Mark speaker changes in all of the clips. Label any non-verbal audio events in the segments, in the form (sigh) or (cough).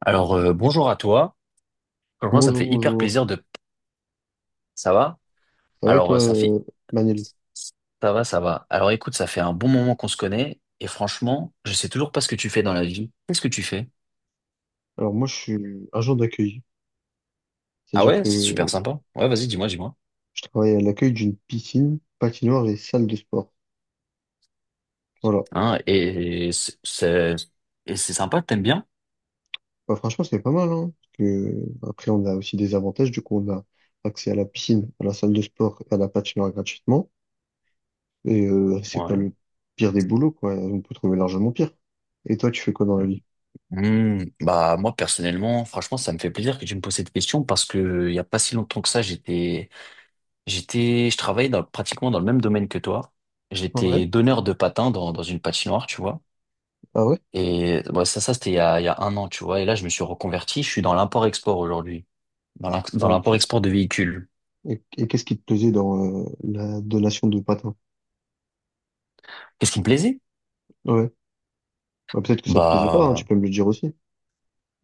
Speaker 1: Alors, bonjour à toi. Franchement, ça me
Speaker 2: Bonjour,
Speaker 1: fait hyper
Speaker 2: bonjour.
Speaker 1: plaisir de. Ça va?
Speaker 2: Ça va et
Speaker 1: Alors,
Speaker 2: toi,
Speaker 1: ça fait.
Speaker 2: Manel?
Speaker 1: Ça va, ça va. Alors, écoute, ça fait un bon moment qu'on se connaît et franchement, je sais toujours pas ce que tu fais dans la vie. Qu'est-ce que tu fais?
Speaker 2: Alors moi, je suis agent d'accueil.
Speaker 1: Ah
Speaker 2: C'est-à-dire
Speaker 1: ouais, c'est super
Speaker 2: que
Speaker 1: sympa. Ouais, vas-y, dis-moi, dis-moi.
Speaker 2: je travaille à l'accueil d'une piscine, patinoire et salle de sport. Voilà.
Speaker 1: Hein, et c'est sympa, t'aimes bien?
Speaker 2: Bah, franchement, c'est pas mal, hein, parce que après, on a aussi des avantages. Du coup, on a accès à la piscine, à la salle de sport et à la patinoire gratuitement. Et c'est pas
Speaker 1: Ouais.
Speaker 2: le pire des boulots, quoi. On peut trouver largement pire. Et toi, tu fais quoi dans la vie?
Speaker 1: Bah moi personnellement, franchement, ça me fait plaisir que tu me poses cette question parce que il y a pas si longtemps que ça, je travaillais dans, pratiquement dans le même domaine que toi.
Speaker 2: Ah ouais.
Speaker 1: J'étais donneur de patins dans, une patinoire, tu vois.
Speaker 2: Ah ouais?
Speaker 1: Et bon, ça c'était il y a 1 an, tu vois. Et là, je me suis reconverti. Je suis dans l'import-export aujourd'hui, dans
Speaker 2: Ok.
Speaker 1: l'import-export de véhicules.
Speaker 2: Et qu'est-ce qui te plaisait dans la donation de patins?
Speaker 1: Qu'est-ce qui me plaisait?
Speaker 2: Ouais. Bah, peut-être que ça te plaisait pas, hein, tu
Speaker 1: Bah,
Speaker 2: peux me le dire aussi.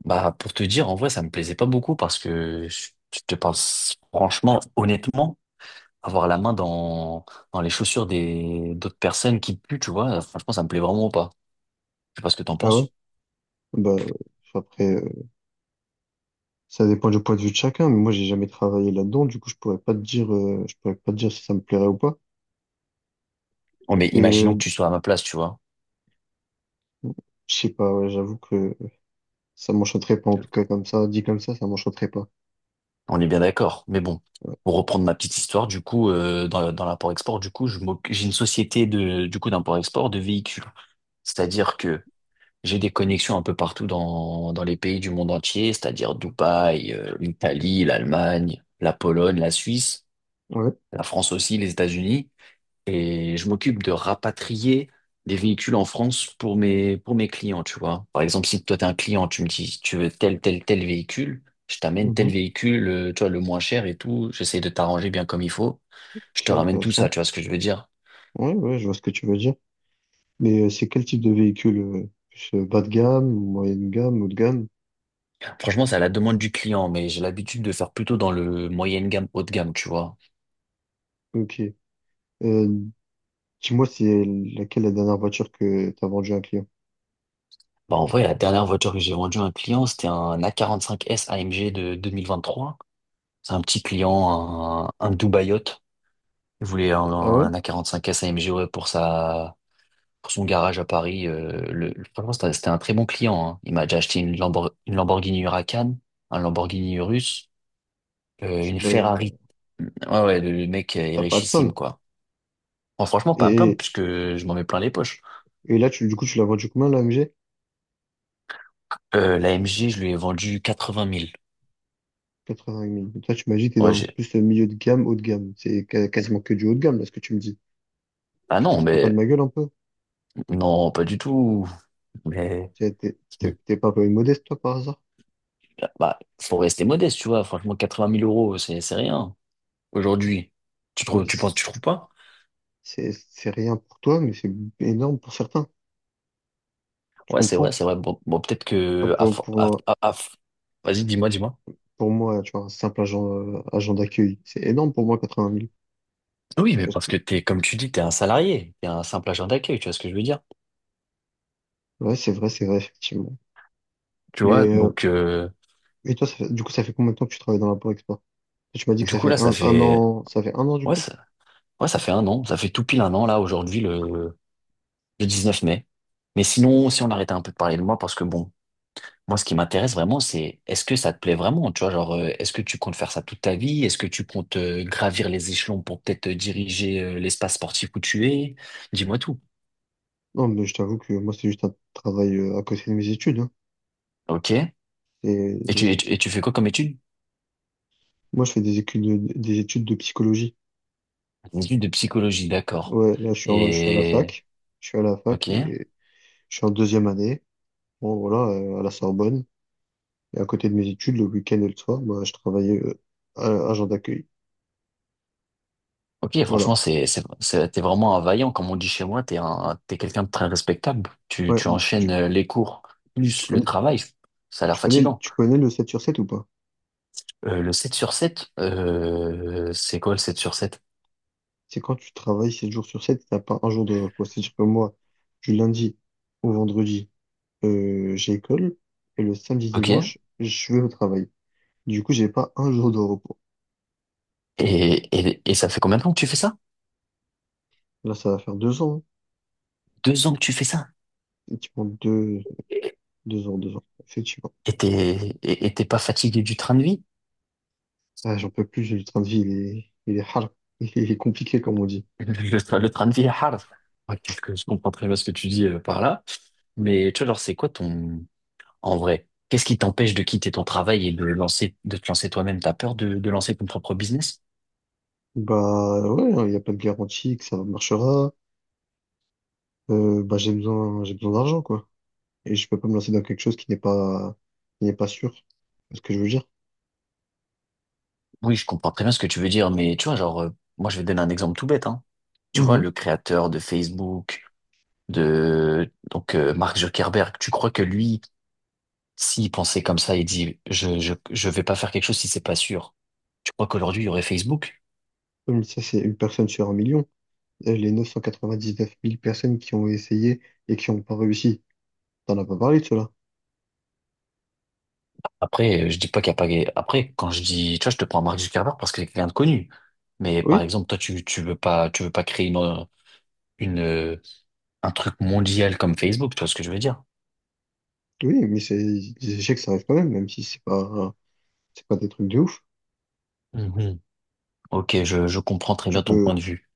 Speaker 1: bah, pour te dire, en vrai, ça me plaisait pas beaucoup parce que je te parle franchement, honnêtement, avoir la main dans, les chaussures d'autres personnes qui puent, tu vois, franchement, ça me plaît vraiment pas. Je sais pas ce que t'en
Speaker 2: Ah ouais?
Speaker 1: penses.
Speaker 2: Bah, enfin, après, ça dépend du point de vue de chacun, mais moi, j'ai jamais travaillé là-dedans, du coup, je pourrais pas te dire si ça me plairait ou pas.
Speaker 1: Oh, mais
Speaker 2: Et
Speaker 1: imaginons que tu sois à ma place, tu vois.
Speaker 2: je sais pas, ouais, j'avoue que ça m'enchanterait pas, en tout cas, comme ça, dit comme ça m'enchanterait pas.
Speaker 1: On est bien d'accord. Mais bon,
Speaker 2: Ouais.
Speaker 1: pour reprendre ma petite histoire, du coup, dans, l'import-export, du coup, j'ai une société du coup, d'import-export de véhicules. C'est-à-dire que j'ai des connexions un peu partout dans les pays du monde entier, c'est-à-dire Dubaï, l'Italie, l'Allemagne, la Pologne, la Suisse,
Speaker 2: Ouais.
Speaker 1: la France aussi, les États-Unis. Et je m'occupe de rapatrier des véhicules en France pour mes clients, tu vois. Par exemple, si toi, t'es un client, tu me dis, tu veux tel, tel, tel véhicule, je t'amène tel
Speaker 2: Mhm.
Speaker 1: véhicule, tu vois, le moins cher et tout. J'essaie de t'arranger bien comme il faut. Je
Speaker 2: Ok,
Speaker 1: te ramène tout ça,
Speaker 2: intéressant.
Speaker 1: tu vois ce que je veux dire.
Speaker 2: Ouais, ouais, je vois ce que tu veux dire. Mais c'est quel type de véhicule? Plus bas de gamme, moyenne gamme, haut de gamme?
Speaker 1: Franchement, c'est à la demande du client, mais j'ai l'habitude de faire plutôt dans le moyenne gamme, haut de gamme, tu vois.
Speaker 2: Ok. Euh, dis-moi, c'est laquelle la dernière voiture que t'as vendue à un client?
Speaker 1: Bah, en vrai, la dernière voiture que j'ai vendue à un client, c'était un A45S AMG de 2023. C'est un petit client, un Dubaïot. Il voulait un,
Speaker 2: Ah ouais?
Speaker 1: un a cinq s AMG ouais, pour son garage à Paris. Franchement, c'était un très bon client. Hein. Il m'a déjà acheté une Lamborghini Huracan, un Lamborghini Urus,
Speaker 2: C'est
Speaker 1: une
Speaker 2: pas,
Speaker 1: Ferrari. Ouais, ouais, le mec est
Speaker 2: t'as pas à te
Speaker 1: richissime,
Speaker 2: plaindre.
Speaker 1: quoi. Bon, franchement, pas un plaindre,
Speaker 2: et
Speaker 1: puisque je m'en mets plein les poches.
Speaker 2: Et là, du coup, tu l'as vendu combien, l'AMG?
Speaker 1: L'AMG, je lui ai vendu 80 000.
Speaker 2: 85 000. Toi, tu m'as dit que t'es
Speaker 1: Ouais,
Speaker 2: dans
Speaker 1: j'ai.
Speaker 2: plus le milieu de gamme, haut de gamme. Quasiment que du haut de gamme, là, ce que tu me dis.
Speaker 1: Ah
Speaker 2: Tu te
Speaker 1: non,
Speaker 2: fais pas de
Speaker 1: mais
Speaker 2: ma gueule un peu?
Speaker 1: non, pas du tout. Mais
Speaker 2: T'es pas un peu modeste, toi, par hasard?
Speaker 1: bah, faut rester modeste, tu vois. Franchement, 80 000 euros, c'est rien. Aujourd'hui, tu
Speaker 2: Eh
Speaker 1: trouves,
Speaker 2: bien,
Speaker 1: tu penses, tu trouves pas?
Speaker 2: c'est rien pour toi, mais c'est énorme pour certains. Tu
Speaker 1: Ouais, c'est
Speaker 2: comprends?
Speaker 1: vrai, c'est vrai. Bon, bon, peut-être
Speaker 2: Ah,
Speaker 1: que. À
Speaker 2: Pour,
Speaker 1: fo-
Speaker 2: pour, un-
Speaker 1: à Vas-y, dis-moi, dis-moi.
Speaker 2: pour moi, tu vois, un simple agent, agent d'accueil, c'est énorme pour moi, 80 000.
Speaker 1: Oui, mais
Speaker 2: Parce
Speaker 1: parce
Speaker 2: que,
Speaker 1: que t'es, comme tu dis, t'es un salarié, t'es un simple agent d'accueil, tu vois ce que je veux dire?
Speaker 2: ouais, c'est vrai, effectivement.
Speaker 1: Tu vois,
Speaker 2: Mais,
Speaker 1: donc
Speaker 2: et toi, du coup, ça fait combien de temps que tu travailles dans la Export? Tu m'as dit que
Speaker 1: du
Speaker 2: ça
Speaker 1: coup
Speaker 2: fait
Speaker 1: là, ça
Speaker 2: un
Speaker 1: fait
Speaker 2: an, ça fait 1 an, du
Speaker 1: ouais,
Speaker 2: coup?
Speaker 1: ça... ouais, ça fait 1 an, ça fait tout pile 1 an là aujourd'hui Le 19 mai. Mais sinon, si on arrêtait un peu de parler de moi, parce que bon, moi ce qui m'intéresse vraiment, c'est est-ce que ça te plaît vraiment, tu vois, genre est-ce que tu comptes faire ça toute ta vie? Est-ce que tu comptes gravir les échelons pour peut-être diriger l'espace sportif où tu es? Dis-moi tout.
Speaker 2: Non, mais je t'avoue que moi, c'est juste un travail à côté de mes études, hein.
Speaker 1: Ok.
Speaker 2: Et,
Speaker 1: Et tu, et
Speaker 2: et
Speaker 1: tu, et tu fais quoi comme étude?
Speaker 2: moi, je fais des études de psychologie.
Speaker 1: Une étude de psychologie, d'accord.
Speaker 2: Ouais, là, je suis à la
Speaker 1: Et,
Speaker 2: fac. Je suis à la fac
Speaker 1: ok.
Speaker 2: et je suis en 2e année. Bon, voilà, à la Sorbonne. Et à côté de mes études, le week-end et le soir, moi, je travaillais agent d'accueil.
Speaker 1: Ok,
Speaker 2: Voilà.
Speaker 1: franchement, t'es vraiment un vaillant, comme on dit chez moi, t'es quelqu'un de très respectable. Tu,
Speaker 2: Ouais,
Speaker 1: tu enchaînes
Speaker 2: tu,
Speaker 1: les cours,
Speaker 2: tu
Speaker 1: plus le
Speaker 2: connais,
Speaker 1: travail. Ça a l'air fatigant.
Speaker 2: tu connais le 7 sur 7 ou pas?
Speaker 1: Le 7 sur 7, c'est quoi le sept sur sept?
Speaker 2: C'est quand tu travailles 7 jours sur sept, t'as pas un jour de repos. C'est-à-dire que moi, du lundi au vendredi, j'ai école et le samedi
Speaker 1: Ok. Et,
Speaker 2: dimanche, je vais au travail. Du coup, j'ai pas un jour de repos.
Speaker 1: et, et ça fait combien de temps que tu fais ça?
Speaker 2: Là, ça va faire 2 ans.
Speaker 1: 2 ans que tu fais ça.
Speaker 2: Effectivement, 2 ans, 2 ans. Effectivement.
Speaker 1: Et t'es pas fatigué du train de vie?
Speaker 2: Ah, j'en peux plus, le train de vie, il est hard. (laughs) Il est compliqué, comme on dit.
Speaker 1: (laughs) Le train de vie est hard. Ok, je comprends très bien ce que tu dis par là. Mais tu vois, genre, c'est quoi ton. En vrai, qu'est-ce qui t'empêche de quitter ton travail et de te lancer toi-même? T'as peur de lancer ton propre business?
Speaker 2: Bah, ouais, hein, il n'y a pas de garantie que ça marchera. Bah, j'ai besoin d'argent, quoi. Et je peux pas me lancer dans quelque chose qui n'est pas sûr. C'est ce que je veux dire.
Speaker 1: Oui, je comprends très bien ce que tu veux dire, mais tu vois, genre, moi, je vais te donner un exemple tout bête, hein. Tu vois,
Speaker 2: Mhm.
Speaker 1: le créateur de Facebook, donc, Mark Zuckerberg, tu crois que lui, s'il pensait comme ça, il dit, je vais pas faire quelque chose si c'est pas sûr. Tu crois qu'aujourd'hui, il y aurait Facebook?
Speaker 2: Comme ça, c'est une personne sur un million. Les 999 000 personnes qui ont essayé et qui n'ont pas réussi. T'en as pas parlé de cela.
Speaker 1: Après, je dis pas qu'il y a pas. Après, quand je dis, tu vois, je te prends Mark Zuckerberg parce que c'est quelqu'un de connu. Mais par
Speaker 2: Oui,
Speaker 1: exemple, toi, tu veux pas, tu veux pas, créer une, euh, un truc mondial comme Facebook, tu vois ce que je veux dire?
Speaker 2: oui, mais c'est des échecs, ça arrive quand même, même si c'est pas des trucs de ouf.
Speaker 1: Mhm. Ok, je comprends très
Speaker 2: Tu
Speaker 1: bien ton point
Speaker 2: peux,
Speaker 1: de vue.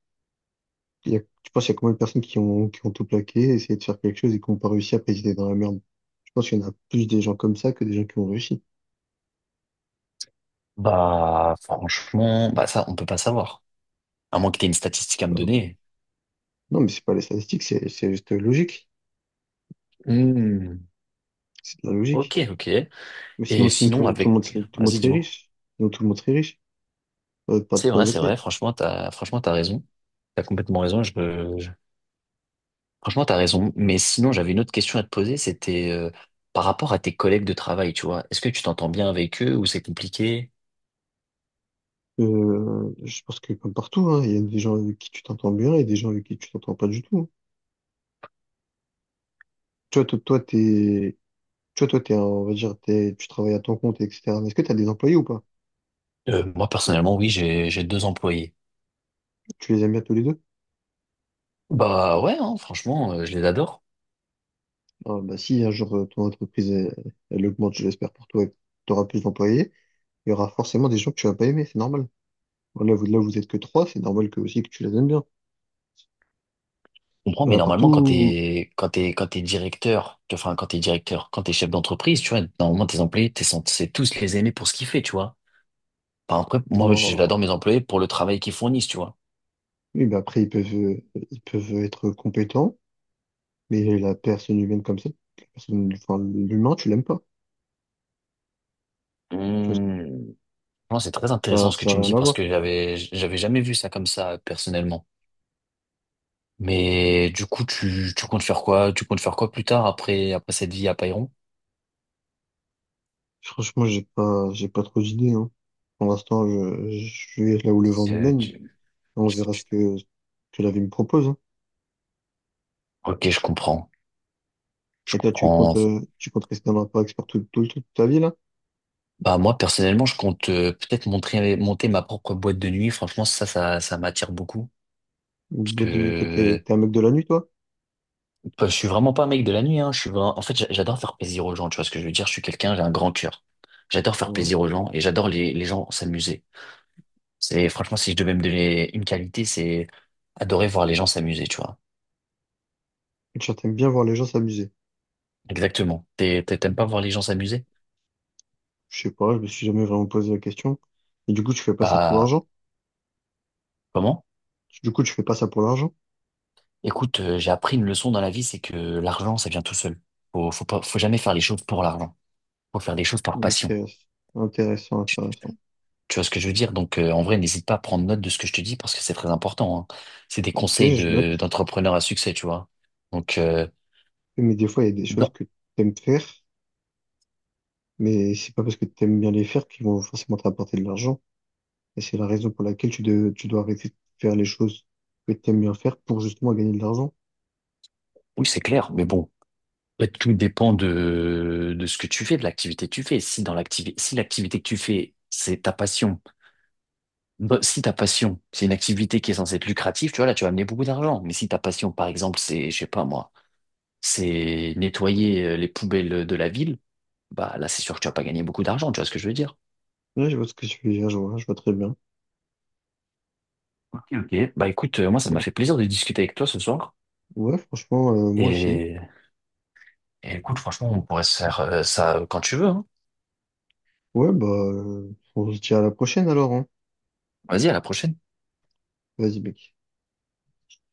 Speaker 2: tu penses qu'il y a combien de personnes qui ont tout plaqué, essayé de faire quelque chose et qui n'ont pas réussi à ils dans la merde. Je pense qu'il y en a plus des gens comme ça que des gens qui ont réussi.
Speaker 1: Bah, franchement, bah ça, on peut pas savoir. À moins que tu aies une statistique à me
Speaker 2: Euh,
Speaker 1: donner.
Speaker 2: non, mais c'est pas les statistiques, c'est juste logique.
Speaker 1: Hmm,
Speaker 2: C'est de la logique.
Speaker 1: Ok, ok.
Speaker 2: Mais sinon,
Speaker 1: Et
Speaker 2: sinon
Speaker 1: sinon,
Speaker 2: tout le monde serait, tout le monde
Speaker 1: vas-y,
Speaker 2: serait
Speaker 1: dis-moi.
Speaker 2: riche. Sinon, tout le monde serait riche. Pas de
Speaker 1: C'est vrai, c'est vrai.
Speaker 2: pauvreté.
Speaker 1: Franchement, t'as raison. T'as complètement raison. Franchement, t'as raison. Mais sinon, j'avais une autre question à te poser. C'était par rapport à tes collègues de travail, tu vois. Est-ce que tu t'entends bien avec eux ou c'est compliqué?
Speaker 2: Je pense que comme partout, hein, il y a des gens avec qui tu t'entends bien et des gens avec qui tu t'entends pas du tout. Toi, toi, toi, t'es, Tu vois, toi, t'es un- on va dire, tu travailles à ton compte, etc. Mais est-ce que tu as des employés ou pas?
Speaker 1: Moi, personnellement, oui, j'ai 2 employés.
Speaker 2: Tu les aimes bien tous les deux?
Speaker 1: Bah ouais, hein, franchement, je les adore.
Speaker 2: Ah, bah, si un jour elle augmente, je l'espère pour toi, et que tu auras plus d'employés, il y aura forcément des gens que tu vas pas aimer, c'est normal. Voilà, vous êtes que trois, c'est normal que aussi que tu les aimes bien.
Speaker 1: Je comprends, mais
Speaker 2: Voilà,
Speaker 1: normalement, quand
Speaker 2: partout.
Speaker 1: t'es, directeur, tu enfin, quand t'es chef d'entreprise, tu vois, normalement, tes employés, t'es censé tous les aimer pour ce qu'ils font, tu vois. Enfin, après, moi,
Speaker 2: Non.
Speaker 1: j'adore mes employés pour le travail qu'ils fournissent, tu vois.
Speaker 2: Oui, mais après, ils peuvent être compétents, mais la personne humaine comme ça, la personne, enfin, l'humain, tu l'aimes pas. Tu
Speaker 1: Hum. Non, c'est très
Speaker 2: vois,
Speaker 1: intéressant ce que
Speaker 2: ça
Speaker 1: tu me
Speaker 2: n'a rien
Speaker 1: dis
Speaker 2: à
Speaker 1: parce
Speaker 2: voir.
Speaker 1: que j'avais jamais vu ça comme ça, personnellement. Mais du coup, tu comptes faire quoi? Tu comptes faire quoi plus tard après cette vie à Payron?
Speaker 2: Franchement, j'ai pas trop d'idées, hein. Pour l'instant, je vais là où le vent me
Speaker 1: Euh,
Speaker 2: mène.
Speaker 1: tu-
Speaker 2: On verra ce que la vie me propose, hein.
Speaker 1: Ok, je comprends. Je
Speaker 2: Et toi,
Speaker 1: comprends.
Speaker 2: tu comptes rester dans l'impact expert toute ta vie, là?
Speaker 1: Bah moi personnellement, je compte peut-être monter ma propre boîte de nuit. Franchement, ça m'attire beaucoup
Speaker 2: Ou
Speaker 1: parce
Speaker 2: bout de nuit,
Speaker 1: que
Speaker 2: t'es un mec de la nuit, toi?
Speaker 1: bah, je suis vraiment pas un mec de la nuit hein. Je suis en fait, j'adore faire plaisir aux gens, tu vois ce que je veux dire? Je suis quelqu'un, j'ai un grand cœur. J'adore faire
Speaker 2: Ouais.
Speaker 1: plaisir aux gens et j'adore les gens s'amuser. C'est franchement si je devais me donner une qualité, c'est adorer voir les gens s'amuser, tu vois.
Speaker 2: Et tu t'aimes bien voir les gens s'amuser.
Speaker 1: Exactement. T'aimes pas voir les gens s'amuser?
Speaker 2: Je sais pas, je me suis jamais vraiment posé la question. Et du coup, tu fais pas ça pour
Speaker 1: Bah,
Speaker 2: l'argent?
Speaker 1: comment?
Speaker 2: Du coup, tu fais pas ça pour l'argent?
Speaker 1: Écoute, j'ai appris une leçon dans la vie, c'est que l'argent, ça vient tout seul. Faut jamais faire les choses pour l'argent. Faut faire les choses par passion.
Speaker 2: Intéressant, intéressant.
Speaker 1: Tu vois ce que je veux dire? Donc, en vrai, n'hésite pas à prendre note de ce que je te dis parce que c'est très important, hein. C'est des
Speaker 2: Ok,
Speaker 1: conseils
Speaker 2: je note.
Speaker 1: d'entrepreneurs à succès, tu vois. Donc,
Speaker 2: Mais des fois, il y a des choses
Speaker 1: non.
Speaker 2: que t'aimes faire, mais c'est pas parce que t'aimes bien les faire qu'ils vont forcément t'apporter de l'argent. Et c'est la raison pour laquelle tu dois arrêter de faire les choses que tu aimes bien faire pour justement gagner de l'argent.
Speaker 1: Oui, c'est clair, mais bon. En fait, tout dépend de ce que tu fais, de l'activité que tu fais. Si l'activité que tu fais, c'est ta passion, bah, si ta passion, c'est une activité qui est censée être lucrative, tu vois, là, tu vas amener beaucoup d'argent. Mais si ta passion, par exemple, c'est, je sais pas moi, c'est nettoyer les poubelles de la ville, bah là, c'est sûr que tu vas pas gagner beaucoup d'argent, tu vois ce que je veux dire?
Speaker 2: Ouais, je vois ce que tu veux dire, je vois très bien.
Speaker 1: Ok, ok. Bah écoute, moi, ça m'a
Speaker 2: Bon,
Speaker 1: fait plaisir de discuter avec toi ce soir.
Speaker 2: ouais, franchement, moi aussi.
Speaker 1: Et, et écoute, franchement, on pourrait se faire ça quand tu veux, hein.
Speaker 2: Ouais, bah, euh, on se dit à la prochaine alors, hein.
Speaker 1: Vas-y, à la prochaine.
Speaker 2: Vas-y, mec.